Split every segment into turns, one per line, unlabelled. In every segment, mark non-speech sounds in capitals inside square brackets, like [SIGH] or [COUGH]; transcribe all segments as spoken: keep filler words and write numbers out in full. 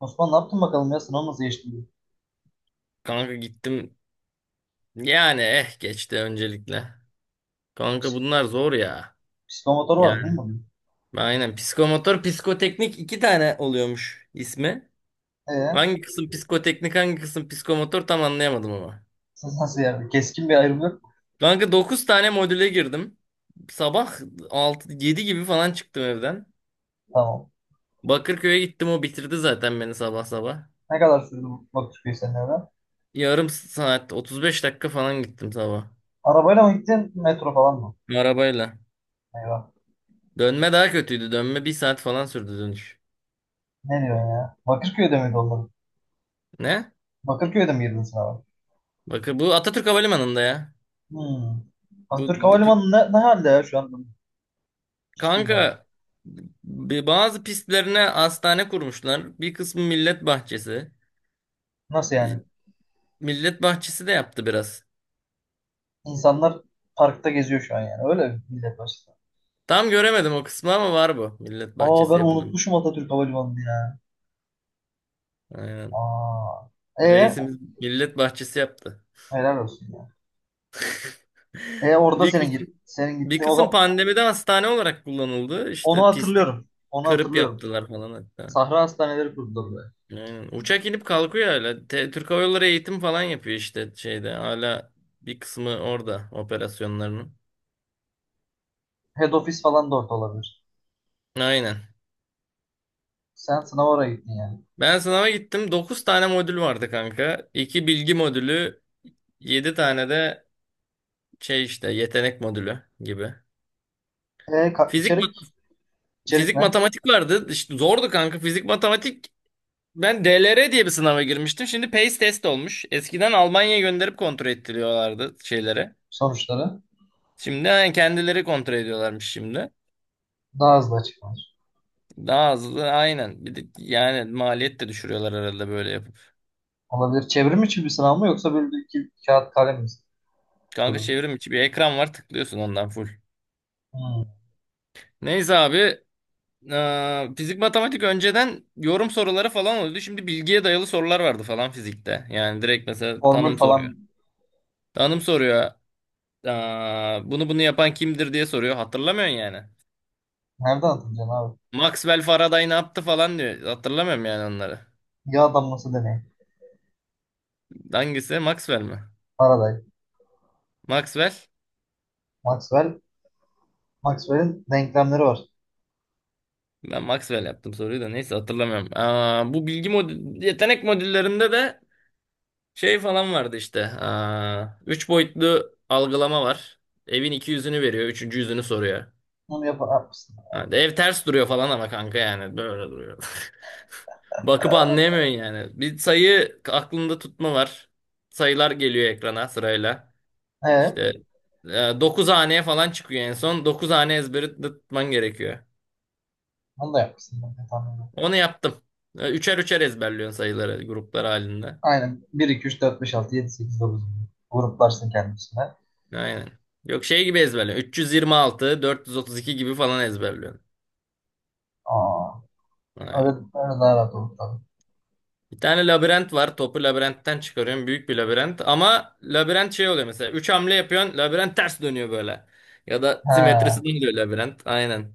Osman ne yaptın bakalım ya? Sınav nasıl geçti?
Kanka gittim. Yani eh geçti öncelikle. Kanka bunlar zor ya.
Pistol motoru vardı değil mi
Yani
bunun?
aynen psikomotor, psikoteknik iki tane oluyormuş ismi.
Ee,
Hangi kısım psikoteknik, hangi kısım psikomotor tam anlayamadım ama.
Siz nasıl yani? Keskin bir ayrım yok mu?
Kanka dokuz tane modüle girdim. Sabah altı yedi gibi falan çıktım evden.
Tamam.
Bakırköy'e gittim, o bitirdi zaten beni sabah sabah.
Ne kadar sürdü bu Bakırköy senin eve?
Yarım saat otuz beş dakika falan gittim sabah.
Arabayla mı gittin? Metro falan mı?
Arabayla.
Eyvah.
Dönme daha kötüydü. Dönme bir saat falan sürdü dönüş.
Ne diyorsun ya? Bakırköy'de miydi onlar?
Ne?
Bakırköy'de mi girdin sınava?
Bakın, bu Atatürk Havalimanı'nda ya.
Hmm.
Bu,
Atatürk
bu Türk-
Havalimanı ne, ne halde ya şu anda? Hiç bilmiyorum.
Kanka b- bazı pistlerine hastane kurmuşlar. Bir kısmı millet bahçesi.
Nasıl
E,
yani?
Millet bahçesi de yaptı biraz.
İnsanlar parkta geziyor şu an yani. Öyle mi millet başta.
Tam göremedim o kısmı ama var bu. Millet
Aa,
bahçesi
ben
yapayım.
unutmuşum Atatürk Havalimanı'nı ya.
Aynen.
Aa. E,
Reisimiz millet bahçesi yaptı.
helal olsun ya. E,
[LAUGHS]
orada
Bir
senin git
kısım
senin
bir
gitti o
kısım
zaman.
pandemide hastane olarak kullanıldı.
Onu
İşte pisti
hatırlıyorum. Onu
kırıp
hatırlıyorum.
yaptılar falan hatta.
Sahra hastaneleri kurdular buraya.
Aynen. Uçak inip kalkıyor hala. Te- Türk Hava Yolları eğitim falan yapıyor işte şeyde. Hala bir kısmı orada operasyonlarının.
Head office falan da orada olabilir.
Aynen.
Sen sınava oraya gittin yani.
Ben sınava gittim. Dokuz tane modül vardı kanka. iki bilgi modülü, yedi tane de şey işte yetenek modülü gibi.
E, ka-
Fizik mat-
içerik? İçerik
Fizik
ne?
matematik vardı. İşte zordu kanka fizik matematik. Ben D L R diye bir sınava girmiştim. Şimdi PACE test olmuş. Eskiden Almanya'ya gönderip kontrol ettiriyorlardı şeylere.
Sonuçları
Şimdi yani kendileri kontrol ediyorlarmış şimdi.
daha hızlı açıklanır.
Daha hızlı aynen. Bir de yani maliyet de düşürüyorlar herhalde böyle yapıp.
Olabilir. Çevrim için bir sınav mı, yoksa böyle bir iki kağıt kalem mi?
Kanka
Sorun.
çevrim içi bir ekran var, tıklıyorsun ondan full.
Hmm.
Neyse abi, eee, fizik matematik önceden yorum soruları falan oluyordu. Şimdi bilgiye dayalı sorular vardı falan fizikte. Yani direkt mesela
Formül
tanım soruyor.
falan
Tanım soruyor. Aa, bunu bunu yapan kimdir diye soruyor. Hatırlamıyorsun yani.
nereden hatırlayacaksın abi?
Maxwell Faraday ne yaptı falan diyor. Hatırlamıyorum yani onları.
Yağ damlası deneyi.
Hangisi? Maxwell mi?
Faraday.
Maxwell?
Maxwell. Maxwell'in denklemleri var.
Ben Maxwell yaptım soruyu da neyse hatırlamıyorum. Aa, bu bilgi mod yetenek modüllerinde de şey falan vardı işte. Aa, üç boyutlu algılama var. Evin iki yüzünü veriyor, üçüncü yüzünü soruyor.
Onu yap yapmışsın.
Ha, de ev ters duruyor falan ama kanka yani böyle duruyor. [LAUGHS] Bakıp anlayamıyorsun yani. Bir sayı aklında tutma var. Sayılar geliyor ekrana sırayla. İşte
Ee,
e, dokuz haneye falan çıkıyor en son. Dokuz hane ezberi tutman gerekiyor.
Onu da yapmışsın. Ben de tahmin ediyorum.
Onu yaptım. E, Üçer üçer ezberliyorsun sayıları gruplar halinde.
Aynen. Bir iki üç dört beş altı yedi sekiz dokuz. Gruplarsın kendisine.
Aynen. Yok, şey gibi ezberliyorsun. üç yüz yirmi altı, dört yüz otuz iki gibi falan ezberliyorsun.
Aa, öyle,
Aynen.
öyle daha rahat olur tabii.
Bir tane labirent var. Topu labirentten çıkarıyorsun. Büyük bir labirent. Ama labirent şey oluyor mesela. Üç hamle yapıyorsun. Labirent ters dönüyor böyle. Ya da
He.
simetrisinden dönüyor labirent. Aynen.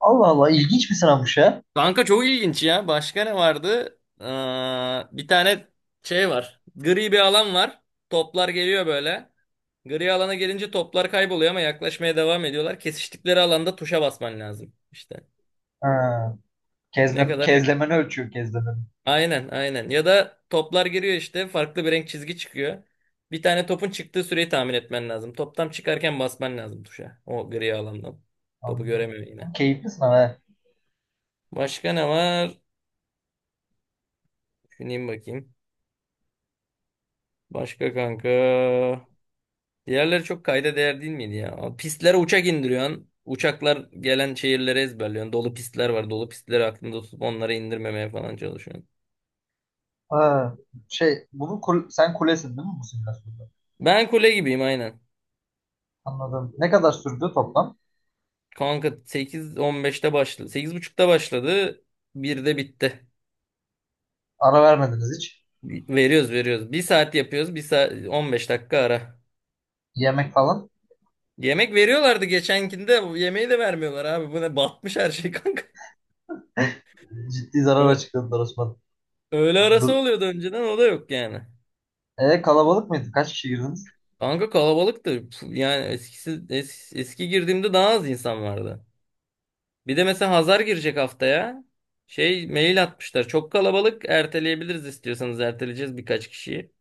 Allah Allah, ilginç bir sınavmış ha.
Kanka çok ilginç ya. Başka ne vardı? Ee, bir tane şey var. Gri bir alan var. Toplar geliyor böyle. Gri alana gelince toplar kayboluyor ama yaklaşmaya devam ediyorlar. Kesiştikleri alanda tuşa basman lazım. İşte
He.
ne
Kezlem,
kadar...
kezlemeni ölçüyor kezlemeni.
Aynen, aynen. Ya da toplar giriyor, işte farklı bir renk çizgi çıkıyor. Bir tane topun çıktığı süreyi tahmin etmen lazım. Top tam çıkarken basman lazım tuşa. O gri alandan. Topu
Anladım.
göremiyor yine.
Ama keyifli sınav he.
Başka ne var? Düşüneyim bakayım. Başka kanka. Diğerleri çok kayda değer değil miydi ya? Pistlere uçak indiriyorsun. Uçaklar gelen şehirlere ezberliyorsun. Dolu pistler var. Dolu pistleri aklında tutup onları indirmemeye falan çalışıyorsun.
Ha. Şey, bunu kul- sen kulesin değil mi bu simülasyonda?
Ben kule gibiyim aynen.
Anladım. Ne kadar sürdü toplam?
Kanka sekiz on beşte başladı. sekiz buçukta başladı. Birde bitti.
Ara vermediniz hiç.
Veriyoruz, veriyoruz. Bir saat yapıyoruz. Bir saat on beş dakika ara.
Yemek falan.
Yemek veriyorlardı geçenkinde. Bu yemeği de vermiyorlar abi. Bu ne batmış her şey kanka.
Ciddi zarar
Ö-
açıkladılar Osman.
Öğle arası
Dur.
oluyordu önceden, o da yok yani.
E, kalabalık mıydı? Kaç kişi girdiniz?
Kanka kalabalıktı. Yani eskisi eski, eski girdiğimde daha az insan vardı. Bir de mesela Hazar girecek haftaya. Şey, mail atmışlar. Çok kalabalık. Erteleyebiliriz, istiyorsanız erteleyeceğiz birkaç kişiyi.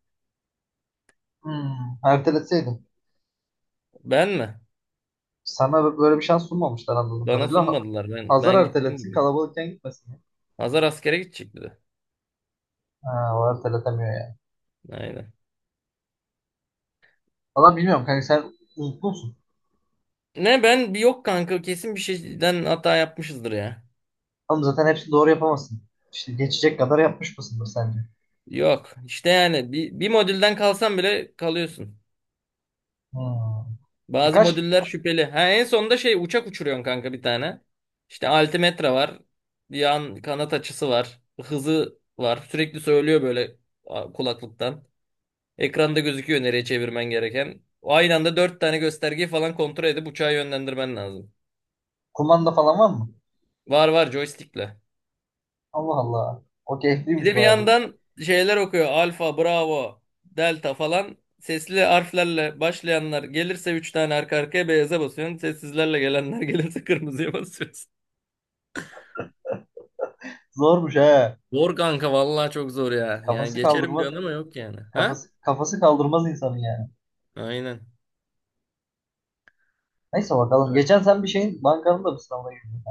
Hmm, erteletseydim.
Ben mi?
Sana böyle bir şans sunmamışlar anladığım
Bana
kadarıyla. Ha-
sunmadılar. Ben
Hazar
ben gittim
erteletsin,
gibi.
kalabalıkken gitmesin.
Hazar askere gidecek dedi.
Ha, o kadar ya.
Aynen.
Valla bilmiyorum kanka, sen unuttun musun?
Ne, ben bir yok kanka, kesin bir şeyden hata yapmışızdır ya.
Oğlum zaten hepsini doğru yapamazsın. İşte geçecek kadar yapmış mısındır sence?
Yok. İşte yani bir, bir modülden kalsan bile kalıyorsun.
Hmm.
Bazı
Birkaç
modüller şüpheli. Ha, en sonunda şey, uçak uçuruyorsun kanka bir tane. İşte altimetre var. Yan kanat açısı var. Hızı var. Sürekli söylüyor böyle a, kulaklıktan. Ekranda gözüküyor nereye çevirmen gereken. Aynı anda dört tane göstergeyi falan kontrol edip uçağı yönlendirmen lazım.
kumanda falan var mı?
Var, var, joystickle.
Allah Allah. O
Bir
keyifliymiş
de bir
bayağı bu.
yandan şeyler okuyor. Alfa, Bravo, Delta falan. Sesli harflerle başlayanlar gelirse üç tane arka arkaya beyaza basıyorsun. Sessizlerle gelenler gelirse kırmızıya basıyorsun.
Zormuş he.
Zor kanka, vallahi çok zor ya. Yani
Kafası
geçerim
kaldırmaz,
diyorsun ama yok yani. Ha?
kafası kafası kaldırmaz insanın yani.
Aynen.
Neyse bakalım.
Evet.
Geçen sen bir şeyin bankanın da bir sınavına girdin.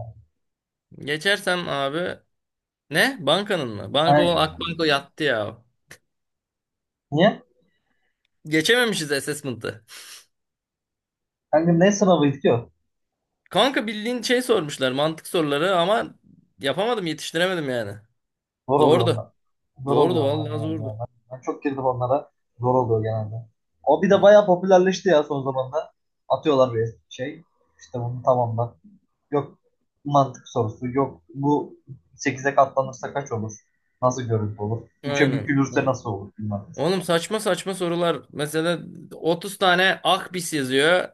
Geçersem abi ne? Bankanın mı? Banka, o
Hani
Akbanko yattı ya.
niye?
Geçememişiz assessment'ı.
Kanka ne sınavıydı ki o?
Kanka bildiğin şey sormuşlar, mantık soruları ama yapamadım, yetiştiremedim yani.
Zor oluyor
Zordu.
onlar. Zor
Zordu,
oluyor onlar
vallahi
genelde.
zordu.
Ben, ben çok girdim onlara. Zor oluyor genelde. O bir de
O-
bayağı popülerleşti ya son zamanlarda. Atıyorlar bir şey. İşte bunu tamamla. Yok, mantık sorusu. Yok, bu sekize katlanırsa kaç olur? Nasıl görüntü olur? Üçe
Aynen.
bükülürse
Aynen.
nasıl olur? Bilmem mesela.
Oğlum, saçma saçma sorular. Mesela otuz tane Akbis yazıyor.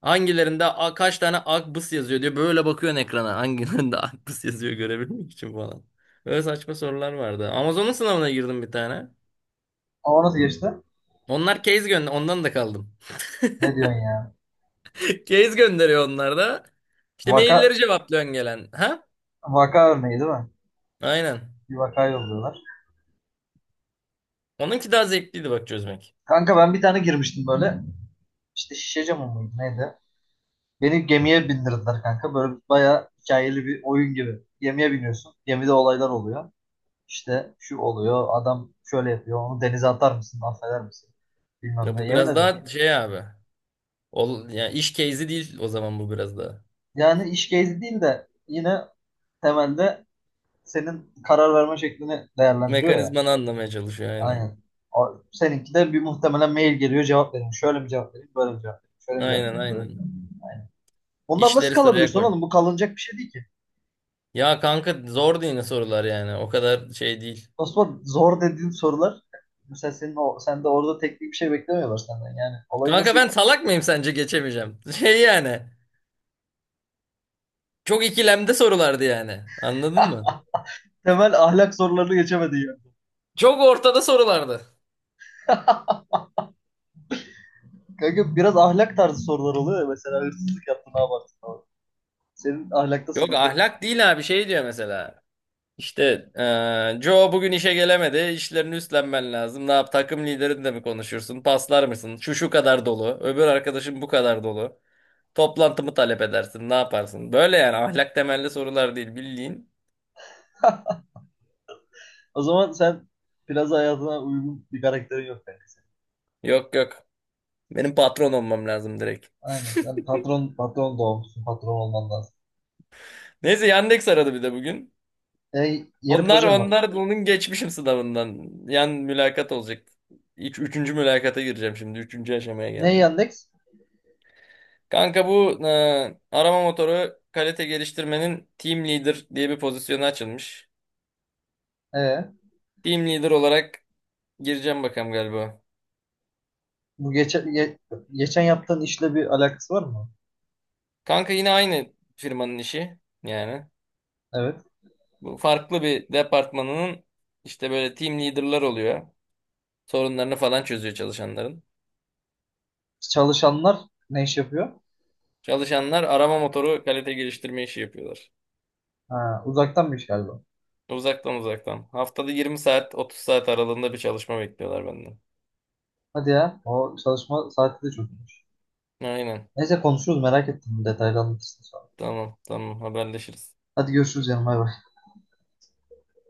Hangilerinde a- kaç tane akbıs yazıyor diyor. Böyle bakıyorsun ekrana. Hangilerinde [LAUGHS] akbıs yazıyor görebilmek için falan. Böyle saçma sorular vardı. Amazon'un sınavına girdim bir tane.
Ama nasıl geçti?
Onlar case gönder, ondan da kaldım.
Ne diyorsun ya?
[LAUGHS] Case gönderiyor onlar da. İşte
Vaka,
mailleri cevaplıyorsun gelen. Ha?
Vaka örneği değil mi?
Aynen.
Bir vaka yolluyorlar.
Onunki daha zevkliydi bak çözmek.
Kanka ben bir tane girmiştim böyle. İşte şişe camı mıydı neydi? Beni gemiye bindirdiler kanka. Böyle bayağı hikayeli bir oyun gibi. Gemiye biniyorsun. Gemide olaylar oluyor. İşte şu oluyor. Adam şöyle yapıyor. Onu denize atar mısın? Affeder misin? Bilmem
Ya
ne.
bu
Yemin
biraz
ederim.
daha şey abi. Ol, yani iş case'i değil o zaman, bu biraz daha.
Yani iş gezi değil de yine temelde senin karar verme şeklini değerlendiriyor ya.
Mekanizmanı anlamaya çalışıyor aynen.
Aynen. O, seninki de bir muhtemelen mail geliyor. Cevap vereyim. Şöyle mi cevap vereyim? Böyle mi cevap vereyim? Şöyle mi cevap
Aynen,
vereyim? Böyle mi cevap
aynen.
vereyim? Aynen. Bundan nasıl
İşleri sıraya
kalabilirsin
koymuş.
oğlum? Bu kalınacak bir şey değil ki.
Ya kanka, zor değil sorular yani. O kadar şey değil.
Osman, zor dediğin sorular mesela senin o, sen de orada teknik bir şey beklemiyorlar senden yani. Olayı
Kanka
nasıl,
ben salak mıyım sence geçemeyeceğim? [LAUGHS] Şey yani. Çok ikilemde sorulardı yani. Anladın mı?
temel ahlak sorularını geçemedi yani.
Çok ortada sorulardı.
Kanka biraz ahlak tarzı sorular oluyor ya, mesela hırsızlık yaptın ne yaparsın falan. Senin ahlakta
Yok,
sıkıntı.
ahlak değil abi, şey diyor mesela. İşte eee Joe bugün işe gelemedi. İşlerini üstlenmen lazım. Ne yap, takım liderinle mi konuşursun? Paslar mısın? Şu şu kadar dolu. Öbür arkadaşım bu kadar dolu. Toplantımı talep edersin. Ne yaparsın? Böyle yani, ahlak temelli sorular değil bildiğin.
O zaman sen biraz hayatına uygun bir karakterin yok kanka senin.
Yok, yok. Benim patron olmam lazım direkt.
Aynen, sen patron, patron doğmuşsun, patron olman lazım.
Neyse, Yandex aradı bir de bugün.
E, yeni
Onlar
projem var.
onlar bunun geçmişim sınavından. Yan mülakat olacak. İç, üçüncü mülakata gireceğim şimdi. Üçüncü aşamaya
Ne
geldim.
Yandex?
Kanka bu e, arama motoru kalite geliştirmenin team leader diye bir pozisyonu açılmış.
E,
Team leader olarak gireceğim bakalım galiba.
bu geçen ge- geçen yaptığın işle bir alakası var mı?
Kanka yine aynı firmanın işi yani.
Evet.
Bu farklı bir departmanının, işte böyle team leader'lar oluyor. Sorunlarını falan çözüyor çalışanların.
Çalışanlar ne iş yapıyor?
Çalışanlar arama motoru kalite geliştirme işi yapıyorlar.
Ha, uzaktanmış galiba.
Uzaktan, uzaktan. Haftada yirmi saat otuz saat aralığında bir çalışma bekliyorlar benden.
Hadi ya. O çalışma saati de çok çokmuş.
Aynen.
Neyse konuşuruz, merak ettim. Detaylı anlatırsın sonra.
Tamam, tamam, haberleşiriz.
Hadi görüşürüz canım. Bay bay.